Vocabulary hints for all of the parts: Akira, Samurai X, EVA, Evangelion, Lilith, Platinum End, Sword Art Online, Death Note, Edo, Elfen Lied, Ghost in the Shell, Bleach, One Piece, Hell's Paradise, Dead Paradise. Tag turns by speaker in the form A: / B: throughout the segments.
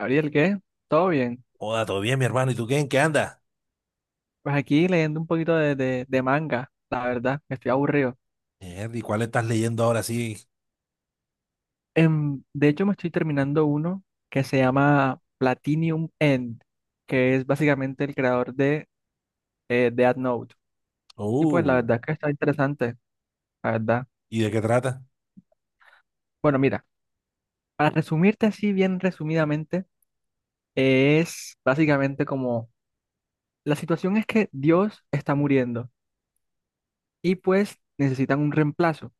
A: Gabriel, ¿qué? ¿Todo bien?
B: Hola, ¿todo bien, mi hermano? ¿Y tú qué? ¿En qué anda?
A: Pues aquí leyendo un poquito de manga, la verdad, estoy aburrido.
B: ¿Y cuál estás leyendo ahora sí?
A: De hecho, me estoy terminando uno que se llama Platinum End, que es básicamente el creador de Death Note. Y pues la
B: Uh,
A: verdad es que está interesante, la verdad.
B: ¿Y de qué trata?
A: Bueno, mira, para resumirte así bien resumidamente, es básicamente como la situación es que Dios está muriendo y pues necesitan un reemplazo.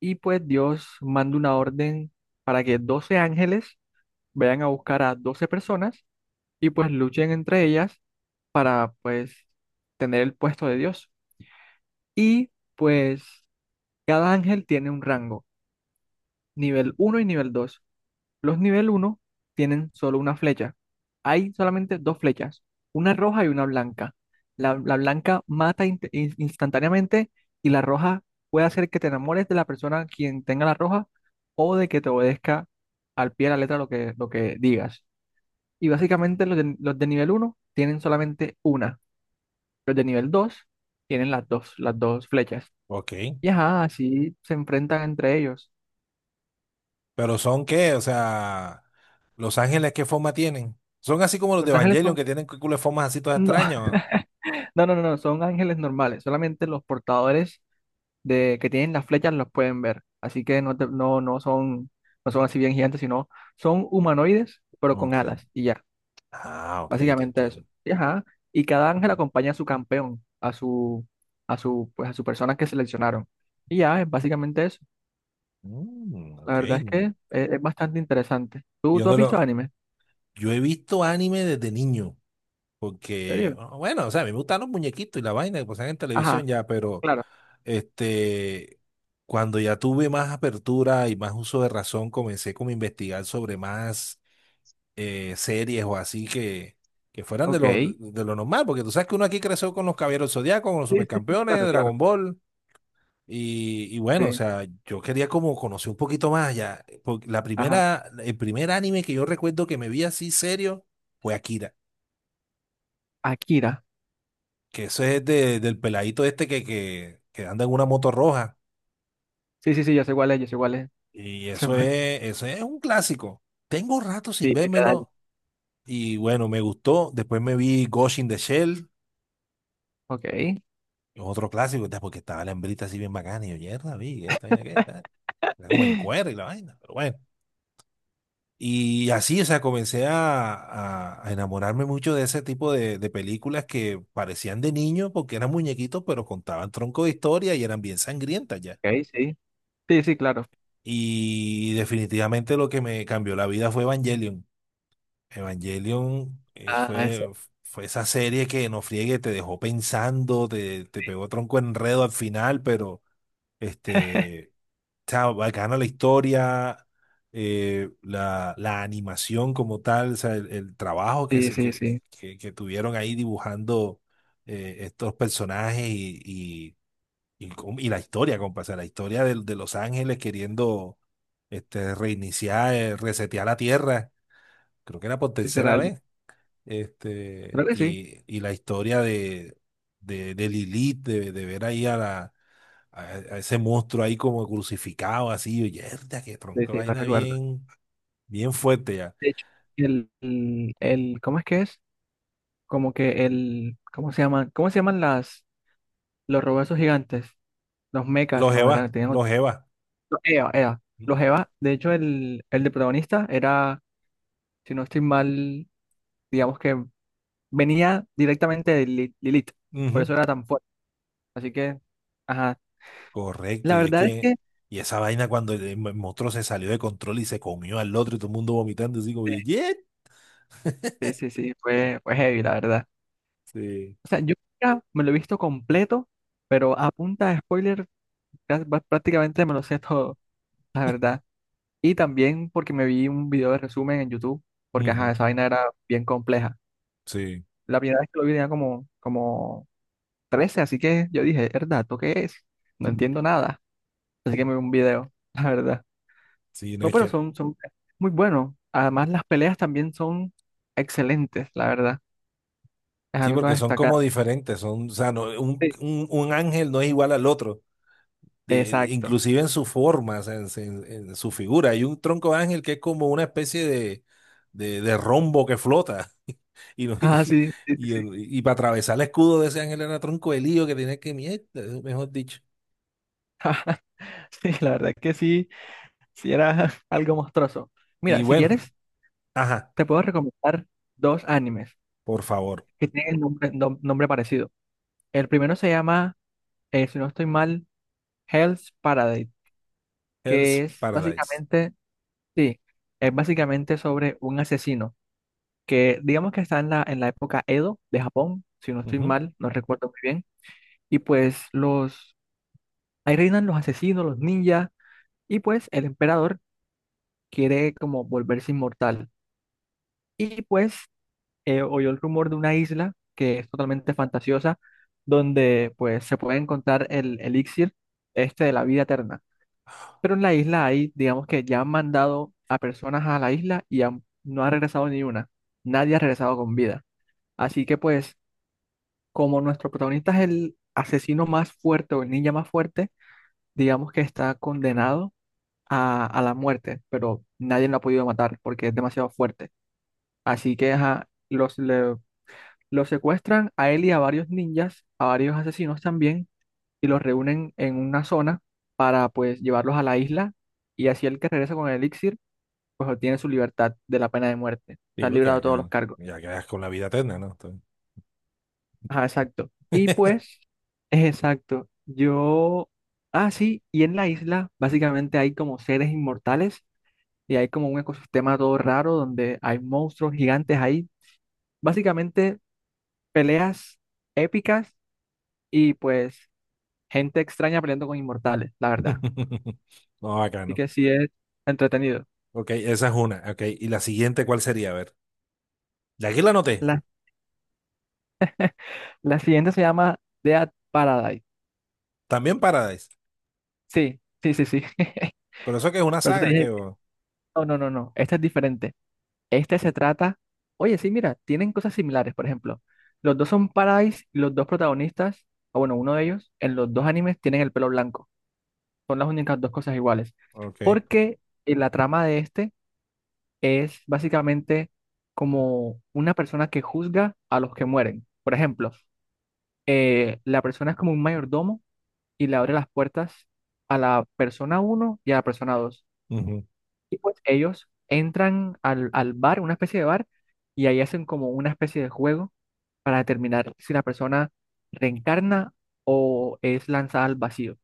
A: Y pues Dios manda una orden para que 12 ángeles vayan a buscar a 12 personas y pues luchen entre ellas para pues tener el puesto de Dios. Y pues cada ángel tiene un rango, nivel uno y nivel dos. Los nivel uno tienen solo una flecha. Hay solamente dos flechas, una roja y una blanca. La blanca mata instantáneamente y la roja puede hacer que te enamores de la persona quien tenga la roja o de que te obedezca al pie de la letra lo que digas. Y básicamente los de nivel uno tienen solamente una. Los de nivel 2 tienen las dos flechas.
B: Ok.
A: Y ajá, así se enfrentan entre ellos.
B: ¿Pero son qué? O sea, ¿los Ángeles qué forma tienen? ¿Son así como los de
A: Los ángeles
B: Evangelion
A: son...
B: que tienen culo de formas así todas
A: no,
B: extrañas?
A: no, no, no, no, son ángeles normales. Solamente los portadores de que tienen las flechas los pueden ver. Así que no, no son, no son así bien gigantes, sino son humanoides, pero con
B: Ok.
A: alas. Y ya,
B: Ah, ok, te
A: básicamente eso.
B: entiendo.
A: Y, ajá, y cada ángel acompaña a su campeón, pues a su persona que seleccionaron. Y ya, es básicamente eso.
B: Mm,
A: La
B: ok.
A: verdad es que es bastante interesante. ¿Tú,
B: Yo
A: tú has
B: no
A: visto
B: lo...
A: anime? ¿En
B: Yo he visto anime desde niño, porque,
A: serio?
B: bueno, o sea, a mí me gustan los muñequitos y la vaina que pasan en
A: Ajá,
B: televisión ya, pero.
A: claro.
B: Este, Cuando ya tuve más apertura y más uso de razón, comencé como a investigar sobre más series o así que fueran de
A: Ok.
B: lo,
A: Sí,
B: de lo normal, porque tú sabes que uno aquí creció con los Caballeros Zodiacos, con los
A: sí, sí,
B: Supercampeones,
A: claro, claro.
B: Dragon Ball, y bueno, o
A: Sí.
B: sea, yo quería como conocer un poquito más ya, porque la
A: Ajá.
B: primera, el primer anime que yo recuerdo que me vi así serio fue Akira,
A: Akira.
B: que eso es del peladito este que, que anda en una moto roja.
A: Sí, sí, sí, yo sé cuál es, yo sé cuál es.
B: Y eso es, eso es un clásico. Tengo rato sin
A: Sí, mitad año.
B: vérmelo y bueno, me gustó. Después me vi Ghost in the Shell,
A: Ok.
B: otro clásico, entonces, porque estaba la hembrita así bien bacana y yo, mierda, vi, esta vaina qué, tal. Era como en cuero y la vaina, pero bueno. Y así, o sea, comencé a enamorarme mucho de ese tipo de películas que parecían de niño porque eran muñequitos, pero contaban tronco de historia y eran bien sangrientas ya.
A: Ok, sí. Sí, sí, claro.
B: Y definitivamente lo que me cambió la vida fue Evangelion. Evangelion es-
A: Ah, esa.
B: fue, fue esa serie que no friegue, te dejó pensando, te pegó tronco enredo al final, pero este, o sea, bacana la historia, la animación como tal, o sea, el trabajo que,
A: Sí,
B: se,
A: sí, sí.
B: que tuvieron ahí dibujando estos personajes y la historia, compa, o sea, la historia de los Ángeles queriendo reiniciar, resetear la Tierra, creo que era por tercera
A: Literal.
B: vez. Este,
A: Creo que sí.
B: y, y la historia de Lilith, de ver ahí a ese monstruo ahí como crucificado, así, y yerda, qué
A: Sí,
B: tronco,
A: sí, la
B: vaina
A: recuerdo.
B: bien, bien fuerte ya.
A: De hecho, ¿cómo es que es? Como que el, ¿cómo se llaman? ¿Cómo se llaman los robots gigantes? Los mechas,
B: Los
A: no,
B: Eva,
A: eran tenían
B: los Eva.
A: los EVA, EVA.
B: ¿No?
A: Los EVA, de hecho, el de protagonista era, si no estoy mal, digamos que venía directamente de Lilith. Por
B: Ujú.
A: eso era tan fuerte. Así que, ajá.
B: Correcto,
A: La verdad es que
B: y esa vaina cuando el monstruo se salió de control y se comió al otro y todo el mundo vomitando, así como, ¡yet!
A: sí, sí, sí, fue, fue heavy, la verdad.
B: Sí.
A: O sea, yo nunca me lo he visto completo, pero a punta de spoiler prácticamente me lo sé todo, la verdad. Y también porque me vi un video de resumen en YouTube, porque ajá,
B: Ujú.
A: esa vaina era bien compleja.
B: Sí.
A: La primera vez que lo vi tenía como 13, así que yo dije, ¿verdad? ¿Esto qué es? No entiendo nada. Así que me vi un video, la verdad.
B: Sí, no
A: No,
B: es
A: pero
B: que,
A: son muy buenos. Además, las peleas también son excelentes, la verdad. Es
B: sí,
A: algo a
B: porque son
A: destacar.
B: como diferentes, son, o sea, no, un,
A: Sí,
B: un, un ángel no es igual al otro, de-
A: exacto.
B: inclusive en su forma, o sea, en su figura. Hay un tronco de ángel que es como una especie de rombo que flota. Y, no-
A: Ah,
B: y,
A: sí, sí, sí,
B: y,
A: sí.
B: y para atravesar el escudo de ese ángel era tronco de lío que tenía que mierda, mejor dicho.
A: Ah, sí, la verdad que sí, sí era algo monstruoso.
B: Y
A: Mira, si
B: bueno,
A: quieres,
B: ajá,
A: te puedo recomendar dos animes
B: por favor,
A: que tienen nombre parecido. El primero se llama, si no estoy mal, Hell's Paradise, que
B: Hell's
A: es
B: Paradise.
A: básicamente, sí, es básicamente sobre un asesino que digamos que está en en la época Edo de Japón, si no estoy
B: Ujú.
A: mal, no recuerdo muy bien. Y pues los, ahí reinan los asesinos, los ninjas, y pues el emperador quiere como volverse inmortal. Y pues oyó el rumor de una isla que es totalmente fantasiosa, donde pues se puede encontrar el elixir este de la vida eterna. Pero en la isla hay, digamos que ya han mandado a personas a la isla y no ha regresado ni una. Nadie ha regresado con vida. Así que pues, como nuestro protagonista es el asesino más fuerte o el ninja más fuerte, digamos que está condenado a la muerte, pero nadie lo ha podido matar porque es demasiado fuerte. Así que ajá, lo secuestran a él y a varios ninjas, a varios asesinos también, y los reúnen en una zona para pues llevarlos a la isla y así el que regresa con el elixir pues obtiene su libertad de la pena de muerte.
B: Sí,
A: Está
B: porque
A: librado de todos los
B: acá,
A: cargos.
B: ya quedas con la vida eterna, ¿no?
A: Ajá, exacto. Y pues, exacto, yo... Ah, sí, y en la isla básicamente hay como seres inmortales y hay como un ecosistema todo raro donde hay monstruos gigantes ahí. Básicamente peleas épicas y pues gente extraña peleando con inmortales, la verdad.
B: No, acá
A: Así
B: no.
A: que sí es entretenido.
B: Ok, esa es una. Ok, y la siguiente, ¿cuál sería? A ver, de aquí la anoté.
A: La, la siguiente se llama Dead Paradise.
B: También Paradise.
A: Sí, sí, sí, sí.
B: Pero eso que es una
A: Por eso te
B: saga,
A: dije,
B: que
A: no, no, no, no, esta es diferente. Este se trata, oye, sí, mira, tienen cosas similares, por ejemplo. Los dos son Paradise y los dos protagonistas, o bueno, uno de ellos, en los dos animes tienen el pelo blanco. Son las únicas dos cosas iguales.
B: Ok.
A: Porque la trama de este es básicamente como una persona que juzga a los que mueren. Por ejemplo, la persona es como un mayordomo y le abre las puertas a la persona uno y a la persona dos.
B: Ujú,
A: Y pues ellos entran al bar, una especie de bar, y ahí hacen como una especie de juego para determinar si la persona reencarna o es lanzada al vacío.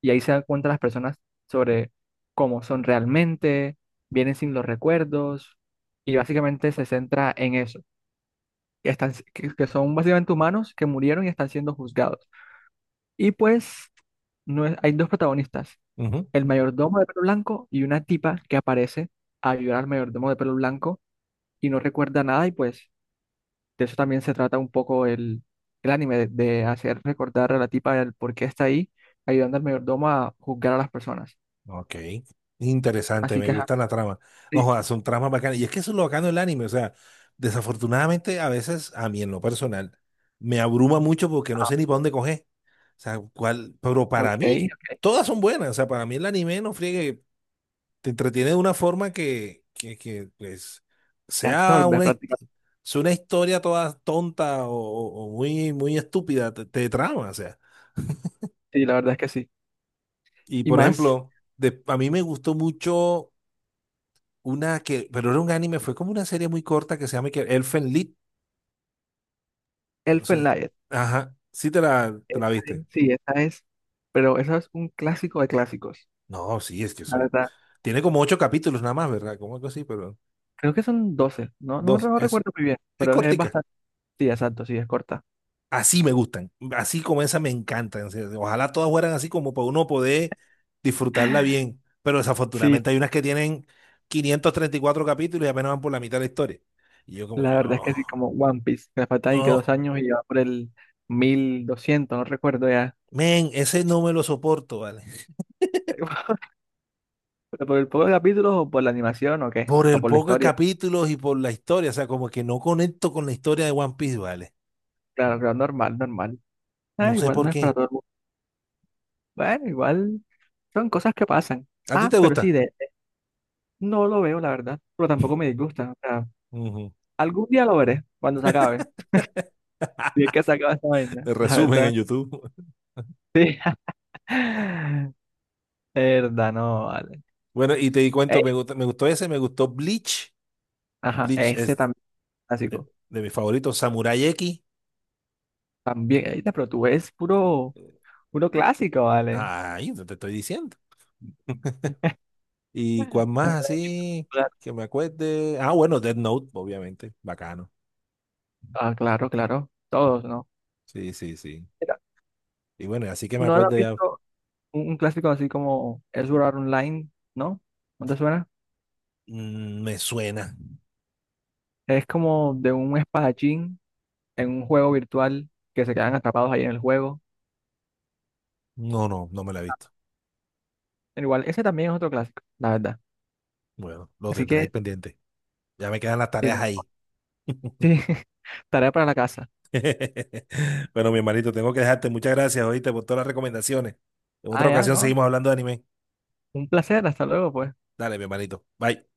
A: Y ahí se dan cuenta las personas sobre cómo son realmente, vienen sin los recuerdos, y básicamente se centra en eso, que, están, que son básicamente humanos que murieron y están siendo juzgados. Y pues no es- hay dos protagonistas,
B: ujú.
A: el mayordomo de pelo blanco y una tipa que aparece a ayudar al mayordomo de pelo blanco y no recuerda nada y pues de eso también se trata un poco el anime, de hacer recordar a la tipa el por qué está ahí ayudando al mayordomo a juzgar a las personas.
B: Ok. Interesante,
A: Así
B: me
A: que, ajá,
B: gusta la trama. No
A: sí,
B: jodas, son tramas bacanas. Y es que eso es lo bacano del anime. O sea, desafortunadamente, a veces, a mí en lo personal, me abruma mucho porque no
A: ah,
B: sé ni para dónde coger. O sea, cuál, pero
A: ok,
B: para mí,
A: ok,
B: todas son buenas. O sea, para mí el anime no friegue, te entretiene de una forma que pues,
A: te
B: sea
A: absorbe
B: una, his-
A: prácticamente,
B: sea una historia toda tonta o muy, muy estúpida, te trama. O sea.
A: sí, la verdad es que sí.
B: Y
A: Y
B: por
A: más,
B: ejemplo, a mí me gustó mucho una que, pero era un anime, fue como una serie muy corta que se llama que Elfen Lied. No
A: Elfen
B: sé.
A: Lied,
B: Ajá. Sí te la, te la viste.
A: sí, esa es, pero esa es un clásico de clásicos.
B: No, sí, es que eso. Tiene como ocho capítulos nada más, ¿verdad? Como algo así, pero
A: Creo que son 12, no, no me,
B: dos,
A: no
B: eso.
A: recuerdo muy bien,
B: Es
A: pero es
B: cortica.
A: bastante, sí, exacto, sí, es corta.
B: Así me gustan. Así como esa me encantan. O sea, ojalá todas fueran así como para uno poder disfrutarla bien. Pero
A: Sí,
B: desafortunadamente hay unas que tienen 534 capítulos y apenas van por la mitad de la historia. Y yo como
A: la
B: que
A: verdad es
B: no.
A: que sí, como One Piece, que le faltan y que dos
B: No.
A: años y va por el 1200, no recuerdo ya.
B: Men, ese no me lo soporto, ¿vale?
A: ¿Pero por el poco de capítulos o por la animación o qué?
B: Por
A: ¿O
B: el
A: por la
B: poco de
A: historia?
B: capítulos y por la historia, o sea, como que no conecto con la historia de One Piece, ¿vale?
A: Claro, claro, normal, normal.
B: No
A: Ah,
B: sé
A: igual
B: por
A: no es
B: qué.
A: para todo el mundo. Bueno, igual son cosas que pasan.
B: ¿A ti
A: Ah,
B: te
A: pero sí,
B: gusta?
A: de, no lo veo, la verdad, pero tampoco me disgusta. O sea,
B: Ujú.
A: algún día lo veré, cuando se acabe. Si es que se acaba esta vaina,
B: El
A: la
B: Resumen en
A: verdad.
B: YouTube.
A: Sí. Verdad, no, vale.
B: Bueno, y te di cuento,
A: Ey,
B: me gustó ese, me gustó Bleach.
A: ajá,
B: Bleach
A: ese
B: es
A: también
B: eh,
A: clásico.
B: de mis favoritos, Samurai X.
A: También, ey, pero tú ves puro, puro clásico, ¿vale?
B: Ay, no te estoy diciendo. ¿Y cuál más
A: No,
B: así que me acuerde? Ah, bueno, Death Note, obviamente. Bacano.
A: Ah, claro, claro. Todos, ¿no?
B: Sí, sí, sí.
A: Mira,
B: Y bueno, así que me
A: ¿no has
B: acuerdo ya,
A: visto un clásico así como Sword Art Online? ¿No? ¿No te suena?
B: me suena.
A: Es como de un espadachín en un juego virtual que se quedan atrapados ahí en el juego.
B: No, no, no me la he visto.
A: Pero igual, ese también es otro clásico, la verdad.
B: Bueno, lo
A: Así
B: tendré ahí
A: que,
B: pendiente. Ya me quedan las tareas
A: tipo,
B: ahí.
A: sí, tarea para la casa.
B: Bueno, mi hermanito, tengo que dejarte. Muchas gracias, oíste, por todas las recomendaciones. En
A: Ah,
B: otra
A: ya,
B: ocasión
A: ¿no?
B: seguimos hablando de anime.
A: Un placer, hasta luego, pues.
B: Dale, mi hermanito. Bye.